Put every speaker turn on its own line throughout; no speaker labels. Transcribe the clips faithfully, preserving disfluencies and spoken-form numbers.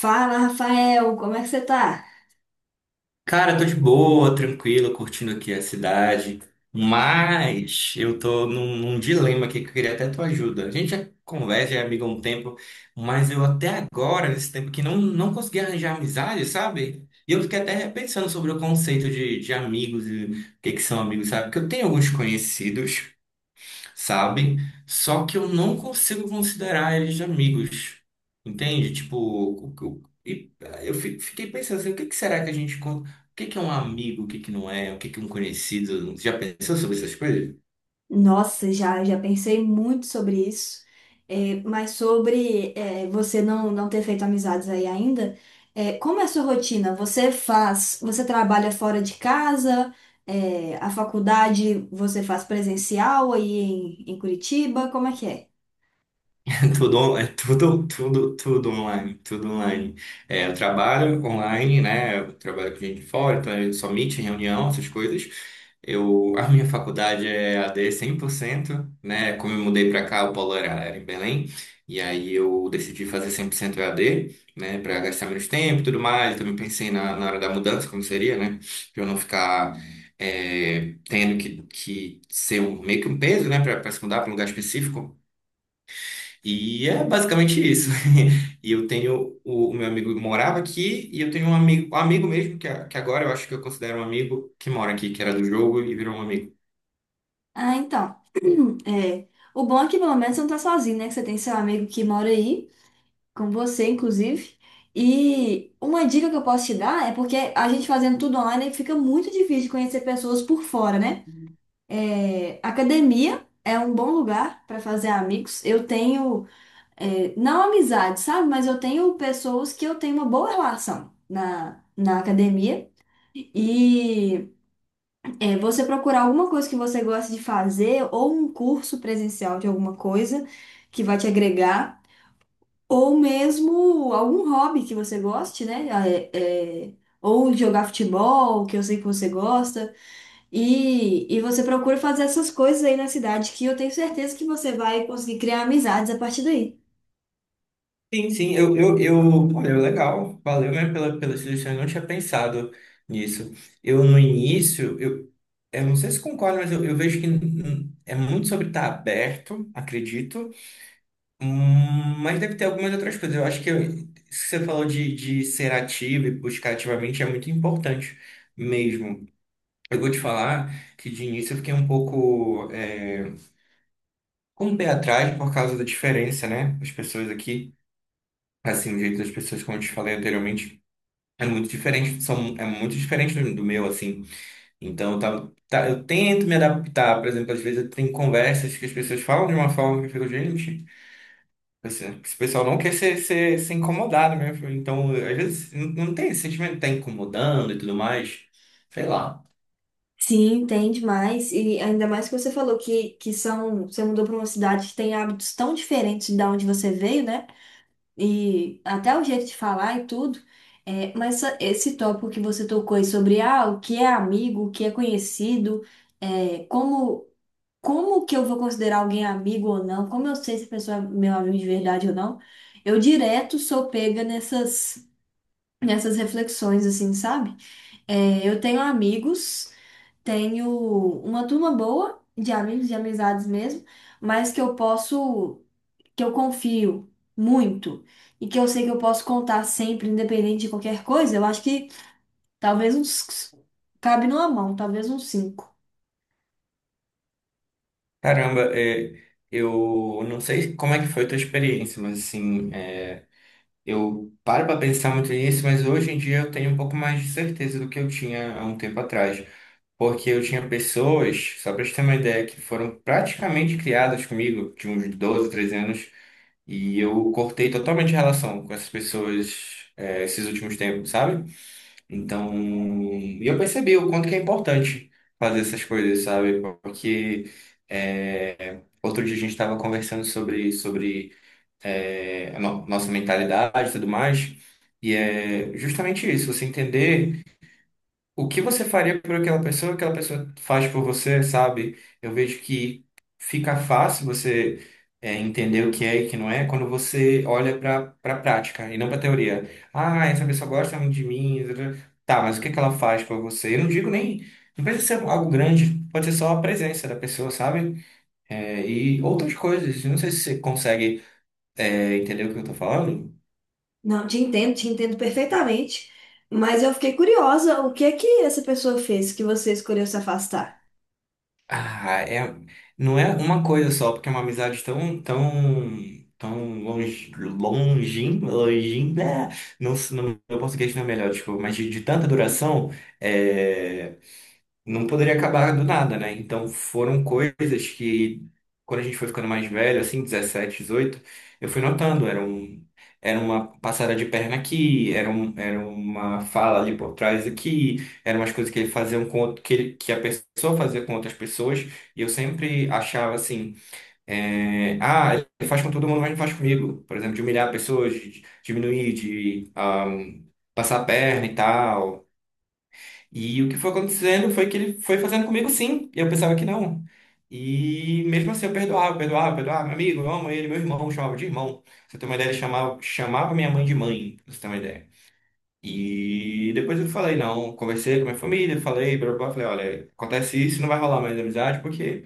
Fala, Rafael, como é que você tá?
Cara, tô de boa, tranquilo, curtindo aqui a cidade, mas eu tô num, num dilema aqui que eu queria até tua ajuda. A gente já conversa, já é amigo há um tempo, mas eu até agora, nesse tempo que não, não consegui arranjar amizade, sabe? E eu fiquei até repensando sobre o conceito de, de amigos e o que que são amigos, sabe? Porque eu tenho alguns conhecidos, sabe? Só que eu não consigo considerar eles amigos, entende? Tipo, o- o- e eh, eu fi- fiquei pensando assim, o que que será que a gente, con- o que que é um amigo, o que que não é, o que que é um conhecido? Já pensou sobre essas coisas?
Nossa, já, já pensei muito sobre isso. É, mas sobre é, você não, não ter feito amizades aí ainda, é, como é a sua rotina? Você faz, você trabalha fora de casa? É, a faculdade você faz presencial aí em, em Curitiba, como é que é?
É tudo, on- é tudo, tudo, tudo online, tudo online. É, eu trabalho online, né? Eu trabalho com gente de fora, então eu só meet, reunião, essas coisas. Eu, a minha faculdade é A D cento, né? Como eu mudei para cá, o polo era, era em Belém, e aí eu decidi fazer cem por cento E A D, né? Para gastar menos tempo e tudo mais. Também pensei na, na hora da mudança, como seria, né? Para eu não ficar é, tendo que, que ser um, meio que um peso, né? Para se mudar para um lugar específico. E é basicamente isso. E eu tenho o, o meu amigo morava aqui e eu tenho um amigo, um amigo mesmo que, a- que agora eu acho que eu considero um amigo que mora aqui, que era do jogo e virou um amigo.
Ah, então, é, o bom é que pelo menos você não tá sozinho, né? Que você tem seu amigo que mora aí com você, inclusive. E uma dica que eu posso te dar é porque a gente fazendo tudo online fica muito difícil conhecer pessoas por fora, né? É, academia é um bom lugar para fazer amigos. Eu tenho, é, não amizade, sabe? Mas eu tenho pessoas que eu tenho uma boa relação na, na academia. E é, você procurar alguma coisa que você gosta de fazer ou um curso presencial de alguma coisa que vai te agregar. Ou mesmo algum hobby que você goste, né? Ah, é- é, ou jogar futebol, que eu sei que você gosta. E, e você procura fazer essas coisas aí na cidade, que eu tenho certeza que você vai conseguir criar amizades a partir daí.
Sim, sim, eu, eu, eu, olha, legal, valeu mesmo pela, pela sugestão, eu não tinha pensado nisso. Eu, no início, eu, eu não sei se concordo, mas eu, eu vejo que hum, é muito sobre estar aberto, acredito. Hum, Mas deve ter algumas outras coisas. Eu acho que isso que você falou de, de ser ativo e buscar ativamente é muito importante mesmo. Eu vou te falar que de início eu fiquei um pouco é, com o pé atrás por causa da diferença, né? As pessoas aqui, assim, o jeito das pessoas, como eu te falei anteriormente, é muito diferente, são, é muito diferente do do meu, assim. Então, tá, tá, eu tento me adaptar. Por exemplo, às vezes eu tenho conversas que as pessoas falam de uma forma que eu fico, gente. Esse esse pessoal não quer ser, ser, ser incomodado mesmo. Então, às vezes, não, não tem esse sentimento de tá incomodando e tudo mais. Sei lá.
Sim, tem demais. E ainda mais que você falou que, que são, você mudou para uma cidade que tem hábitos tão diferentes da onde você veio, né? E até o jeito de falar e tudo. É, mas essa- esse tópico que você tocou aí sobre ah, o que é amigo, o que é conhecido, é, como, como, que eu vou considerar alguém amigo ou não, como eu sei se a pessoa é meu amigo de verdade ou não, eu direto sou pega nessas, nessas reflexões, assim, sabe? É, eu tenho amigos, tenho uma turma boa de amigos, de amizades mesmo, mas que eu posso que eu confio muito e que eu sei que eu posso contar sempre, independente de qualquer coisa. Eu acho que talvez uns cabe numa mão, talvez uns cinco.
Caramba, é, eu não sei como é que foi a tua experiência, mas assim, é, eu paro para pensar muito nisso, mas hoje em dia eu tenho um pouco mais de certeza do que eu tinha há um tempo atrás. Porque eu tinha pessoas, só para te ter uma ideia, que foram praticamente criadas comigo, de uns doze, treze anos, e eu cortei totalmente a relação com essas pessoas, é, esses últimos tempos, sabe? Então, e eu percebi o quanto que é importante fazer essas coisas, sabe? Porque é, outro dia a gente estava conversando sobre, sobre é, a no- nossa mentalidade e tudo mais, e é justamente isso, você entender o que você faria por aquela pessoa, aquela pessoa faz por você, sabe? Eu vejo que fica fácil você é, entender o que é e o que não é quando você olha para para prática e não para teoria. Ah, essa pessoa gosta muito de mim. Tá, tá, mas o que é que ela faz por você? Eu não digo nem. Não precisa ser algo grande, pode ser só a presença da pessoa, sabe? É, e outras coisas. Não sei se você consegue, é, entender o que eu tô falando.
Não, te entendo, te entendo perfeitamente. Mas eu fiquei curiosa, o que é que essa pessoa fez que você escolheu se afastar?
Ah, é, não é uma coisa só, porque é uma amizade tão, tão, tão longe, longin, longin, né? Não, se- não, meu português não é melhor, desculpa, mas de, de tanta duração, é, não poderia acabar do nada, né? Então foram coisas que, quando a gente foi ficando mais velho, assim, dezessete, dezoito, eu fui notando, era um, era uma passada de perna aqui, era, um, era uma fala ali por trás aqui, eram umas coisas que ele fazia um, com outro- que, ele- que a pessoa fazia com outras pessoas, e eu sempre achava assim, é, ah, ele faz com todo mundo, mas não faz comigo. Por exemplo, de humilhar pessoas, de diminuir, de ah, passar a perna e tal. E o que foi acontecendo foi que ele foi fazendo comigo sim, e eu pensava que não. E mesmo assim eu perdoava, perdoava, perdoava, meu amigo, eu amo ele, meu irmão, eu chamava de irmão. Pra você ter uma ideia, ele chamava, chamava minha mãe de mãe, pra você ter uma ideia. E depois eu falei, não, conversei com a minha família, falei, blá, blá, blá, falei, olha, acontece isso, não vai rolar mais amizade porque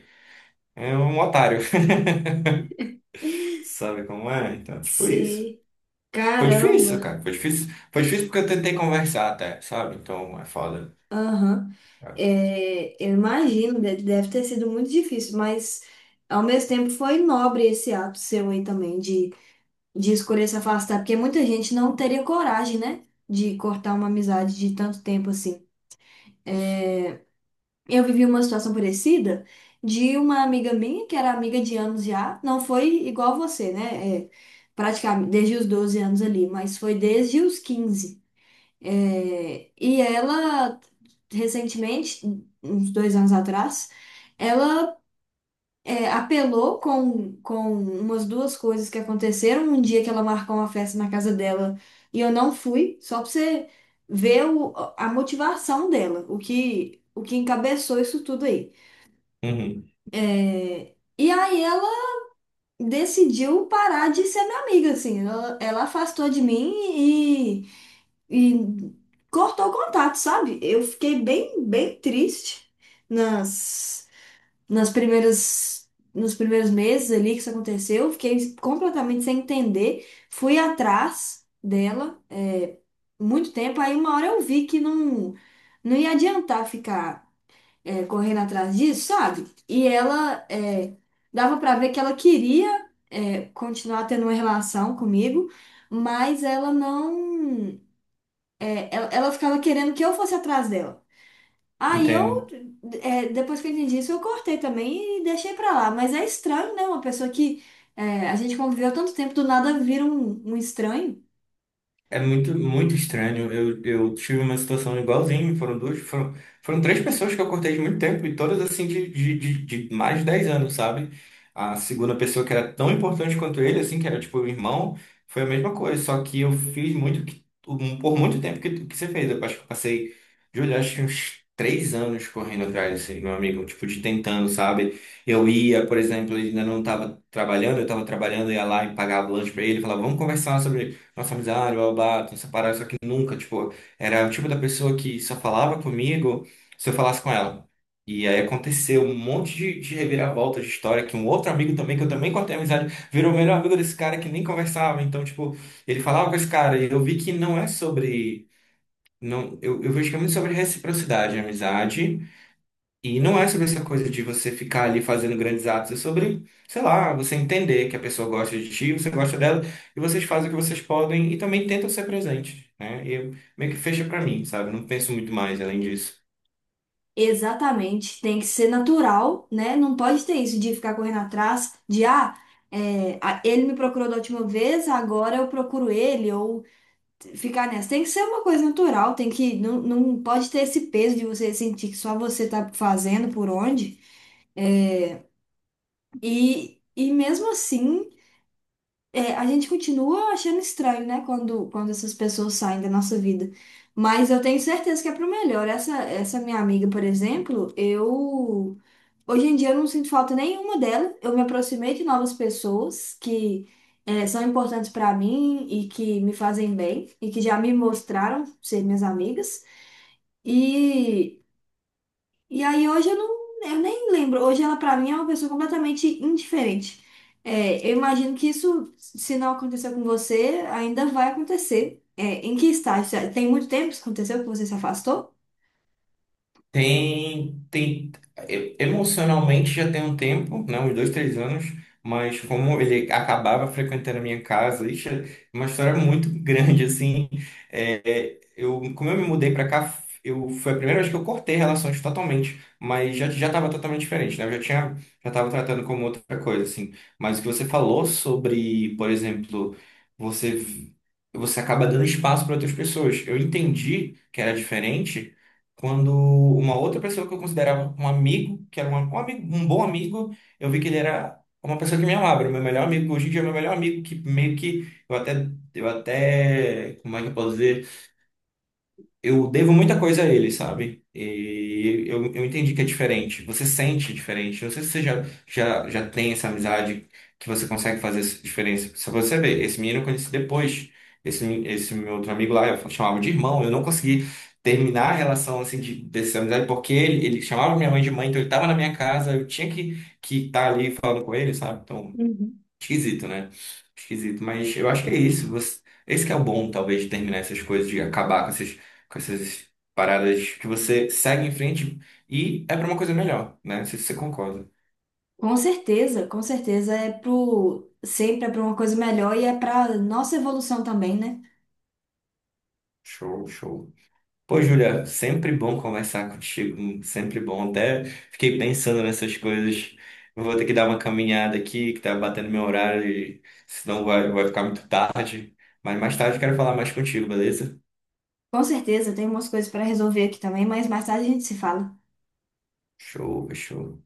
é um otário. Sabe como é? Então, tipo isso.
Sei.
Foi difícil,
Caramba.
cara, foi difícil. Foi difícil porque eu tentei conversar até, sabe? Então é foda.
Aham. É, eu imagino, de- deve ter sido muito difícil, mas ao mesmo tempo foi nobre esse ato seu aí também, de de escolher se afastar, porque muita gente não teria coragem, né, de cortar uma amizade de tanto tempo assim. Eu vivi uma situação parecida de uma amiga minha, que era amiga de anos já, não foi igual você, né? É, praticamente desde os doze anos ali, mas foi desde os quinze. É, e ela, recentemente, uns dois anos atrás, ela é, apelou com, com umas duas coisas que aconteceram. Um dia que ela marcou uma festa na casa dela e eu não fui, só pra você ver o- a motivação dela, o que, o que, encabeçou isso tudo aí.
Uhum,
É, e aí ela decidiu parar de ser minha amiga, assim. Ela, ela afastou de mim e, e cortou o contato, sabe? Eu fiquei bem, bem triste nas. nas primeiras, nos primeiros meses ali que isso aconteceu. Eu fiquei completamente sem entender. Fui atrás dela, é, muito tempo. Aí uma hora eu vi que não, não ia adiantar ficar, é, correndo atrás disso, sabe? E ela, é, dava pra ver que ela queria, é, continuar tendo uma relação comigo, mas ela não, é, ela ela ficava querendo que eu fosse atrás dela. Aí eu,
entendo.
é, depois que eu entendi isso, eu cortei também e deixei pra lá. Mas é estranho, né? Uma pessoa que é, a gente conviveu tanto tempo, do nada vira um, um estranho.
É muito, muito estranho. Eu, eu tive uma situação igualzinha. Foram duas, foram, foram três pessoas que eu cortei de muito tempo e todas assim de, de, de, de mais de dez anos, sabe? A segunda pessoa que era tão importante quanto ele, assim, que era tipo o irmão, foi a mesma coisa. Só que eu fiz muito, que- um- por muito tempo que, que você fez. Eu acho que eu passei, Júlio, acho que uns três anos correndo atrás, assim, meu amigo, tipo, de tentando, sabe? Eu ia, por exemplo, ele ainda não estava trabalhando, eu estava trabalhando, ia lá e pagava lanche para ele, falava, vamos conversar sobre nossa amizade, blá, blá, blá, tem essa parada, só que nunca, tipo, era o tipo da pessoa que só falava comigo se eu falasse com ela. E aí aconteceu um monte de, de reviravolta de história, que um outro amigo também, que eu também cortei amizade, virou o melhor amigo desse cara que nem conversava. Então, tipo, ele falava com esse cara, e eu vi que não é sobre. Não, eu, eu vejo que é muito sobre reciprocidade, amizade. E não é sobre essa coisa de você ficar ali fazendo grandes atos, é sobre, sei lá, você entender que a pessoa gosta de ti, você gosta dela, e vocês fazem o que vocês podem e também tentam ser presentes, né? E eu- meio que fecha pra mim, sabe? Não penso muito mais além disso.
Exatamente. Tem que ser natural, né? Não pode ter isso de ficar correndo atrás, de ah, é, a- ele me procurou da última vez, agora eu procuro ele, ou ficar nessa. Tem que ser uma coisa natural, tem que, não, não pode ter esse peso de você sentir que só você tá fazendo por onde. E, e mesmo assim, é, a gente continua achando estranho, né, quando, quando, essas pessoas saem da nossa vida. Mas eu tenho certeza que é pro melhor. Essa, essa minha amiga, por exemplo, eu. Hoje em dia eu não sinto falta nenhuma dela. Eu me aproximei de novas pessoas que é, são importantes pra mim e que me fazem bem e que já me mostraram ser minhas amigas. E e aí hoje eu não, eu nem lembro. Hoje ela pra mim é uma pessoa completamente indiferente. É, eu imagino que isso, se não aconteceu com você, ainda vai acontecer. É, em que estágio? Tem muito tempo que isso aconteceu, que você se afastou?
Tem, tem, e- emocionalmente já tem um tempo, né, uns dois, três anos, mas como ele acabava frequentando a minha casa, isso é uma história muito grande, assim, é, é, eu, como eu me mudei para cá, eu, foi a primeira vez que eu cortei relações totalmente, mas já, já estava totalmente diferente, né, eu já tinha, já estava tratando como outra coisa, assim, mas o que você falou sobre, por exemplo, você, você acaba dando espaço para outras pessoas, eu entendi que era diferente, quando uma outra pessoa que eu considerava um amigo, que era um, um amigo, um bom amigo, eu vi que ele era uma pessoa que me amava, era o meu melhor amigo, hoje em dia é o meu melhor amigo, que meio que eu até, eu até, como é que eu posso dizer? Eu devo muita coisa a ele, sabe? E eu, eu entendi que é diferente. Você sente diferente. Eu não sei se você já, já, já tem essa amizade que você consegue fazer essa diferença. Só pra você ver, esse menino eu conheci depois. Esse, esse meu outro amigo lá, eu chamava de irmão. Eu não consegui terminar a relação assim, de, dessa amizade, porque ele, ele chamava minha mãe de mãe, então ele estava na minha casa, eu tinha que estar que tá ali falando com ele, sabe? Então.
Uhum.
Esquisito, né? Esquisito, mas eu acho que é isso. Você. Esse que é o bom, talvez, de terminar essas coisas, de acabar com essas, com essas paradas que você segue em frente e é pra uma coisa melhor, né? Não sei se você concorda.
Com certeza, com certeza é pro sempre é para uma coisa melhor e é para nossa evolução também, né?
Show, show. Pô, Júlia, sempre bom conversar contigo, sempre bom. Até fiquei pensando nessas coisas. Eu vou ter que dar uma caminhada aqui, que tá batendo meu horário, e senão vai, vai ficar muito tarde. Mas mais tarde eu quero falar mais contigo, beleza?
Com certeza, tem umas coisas para resolver aqui também, mas mais tarde a gente se fala.
Show, show.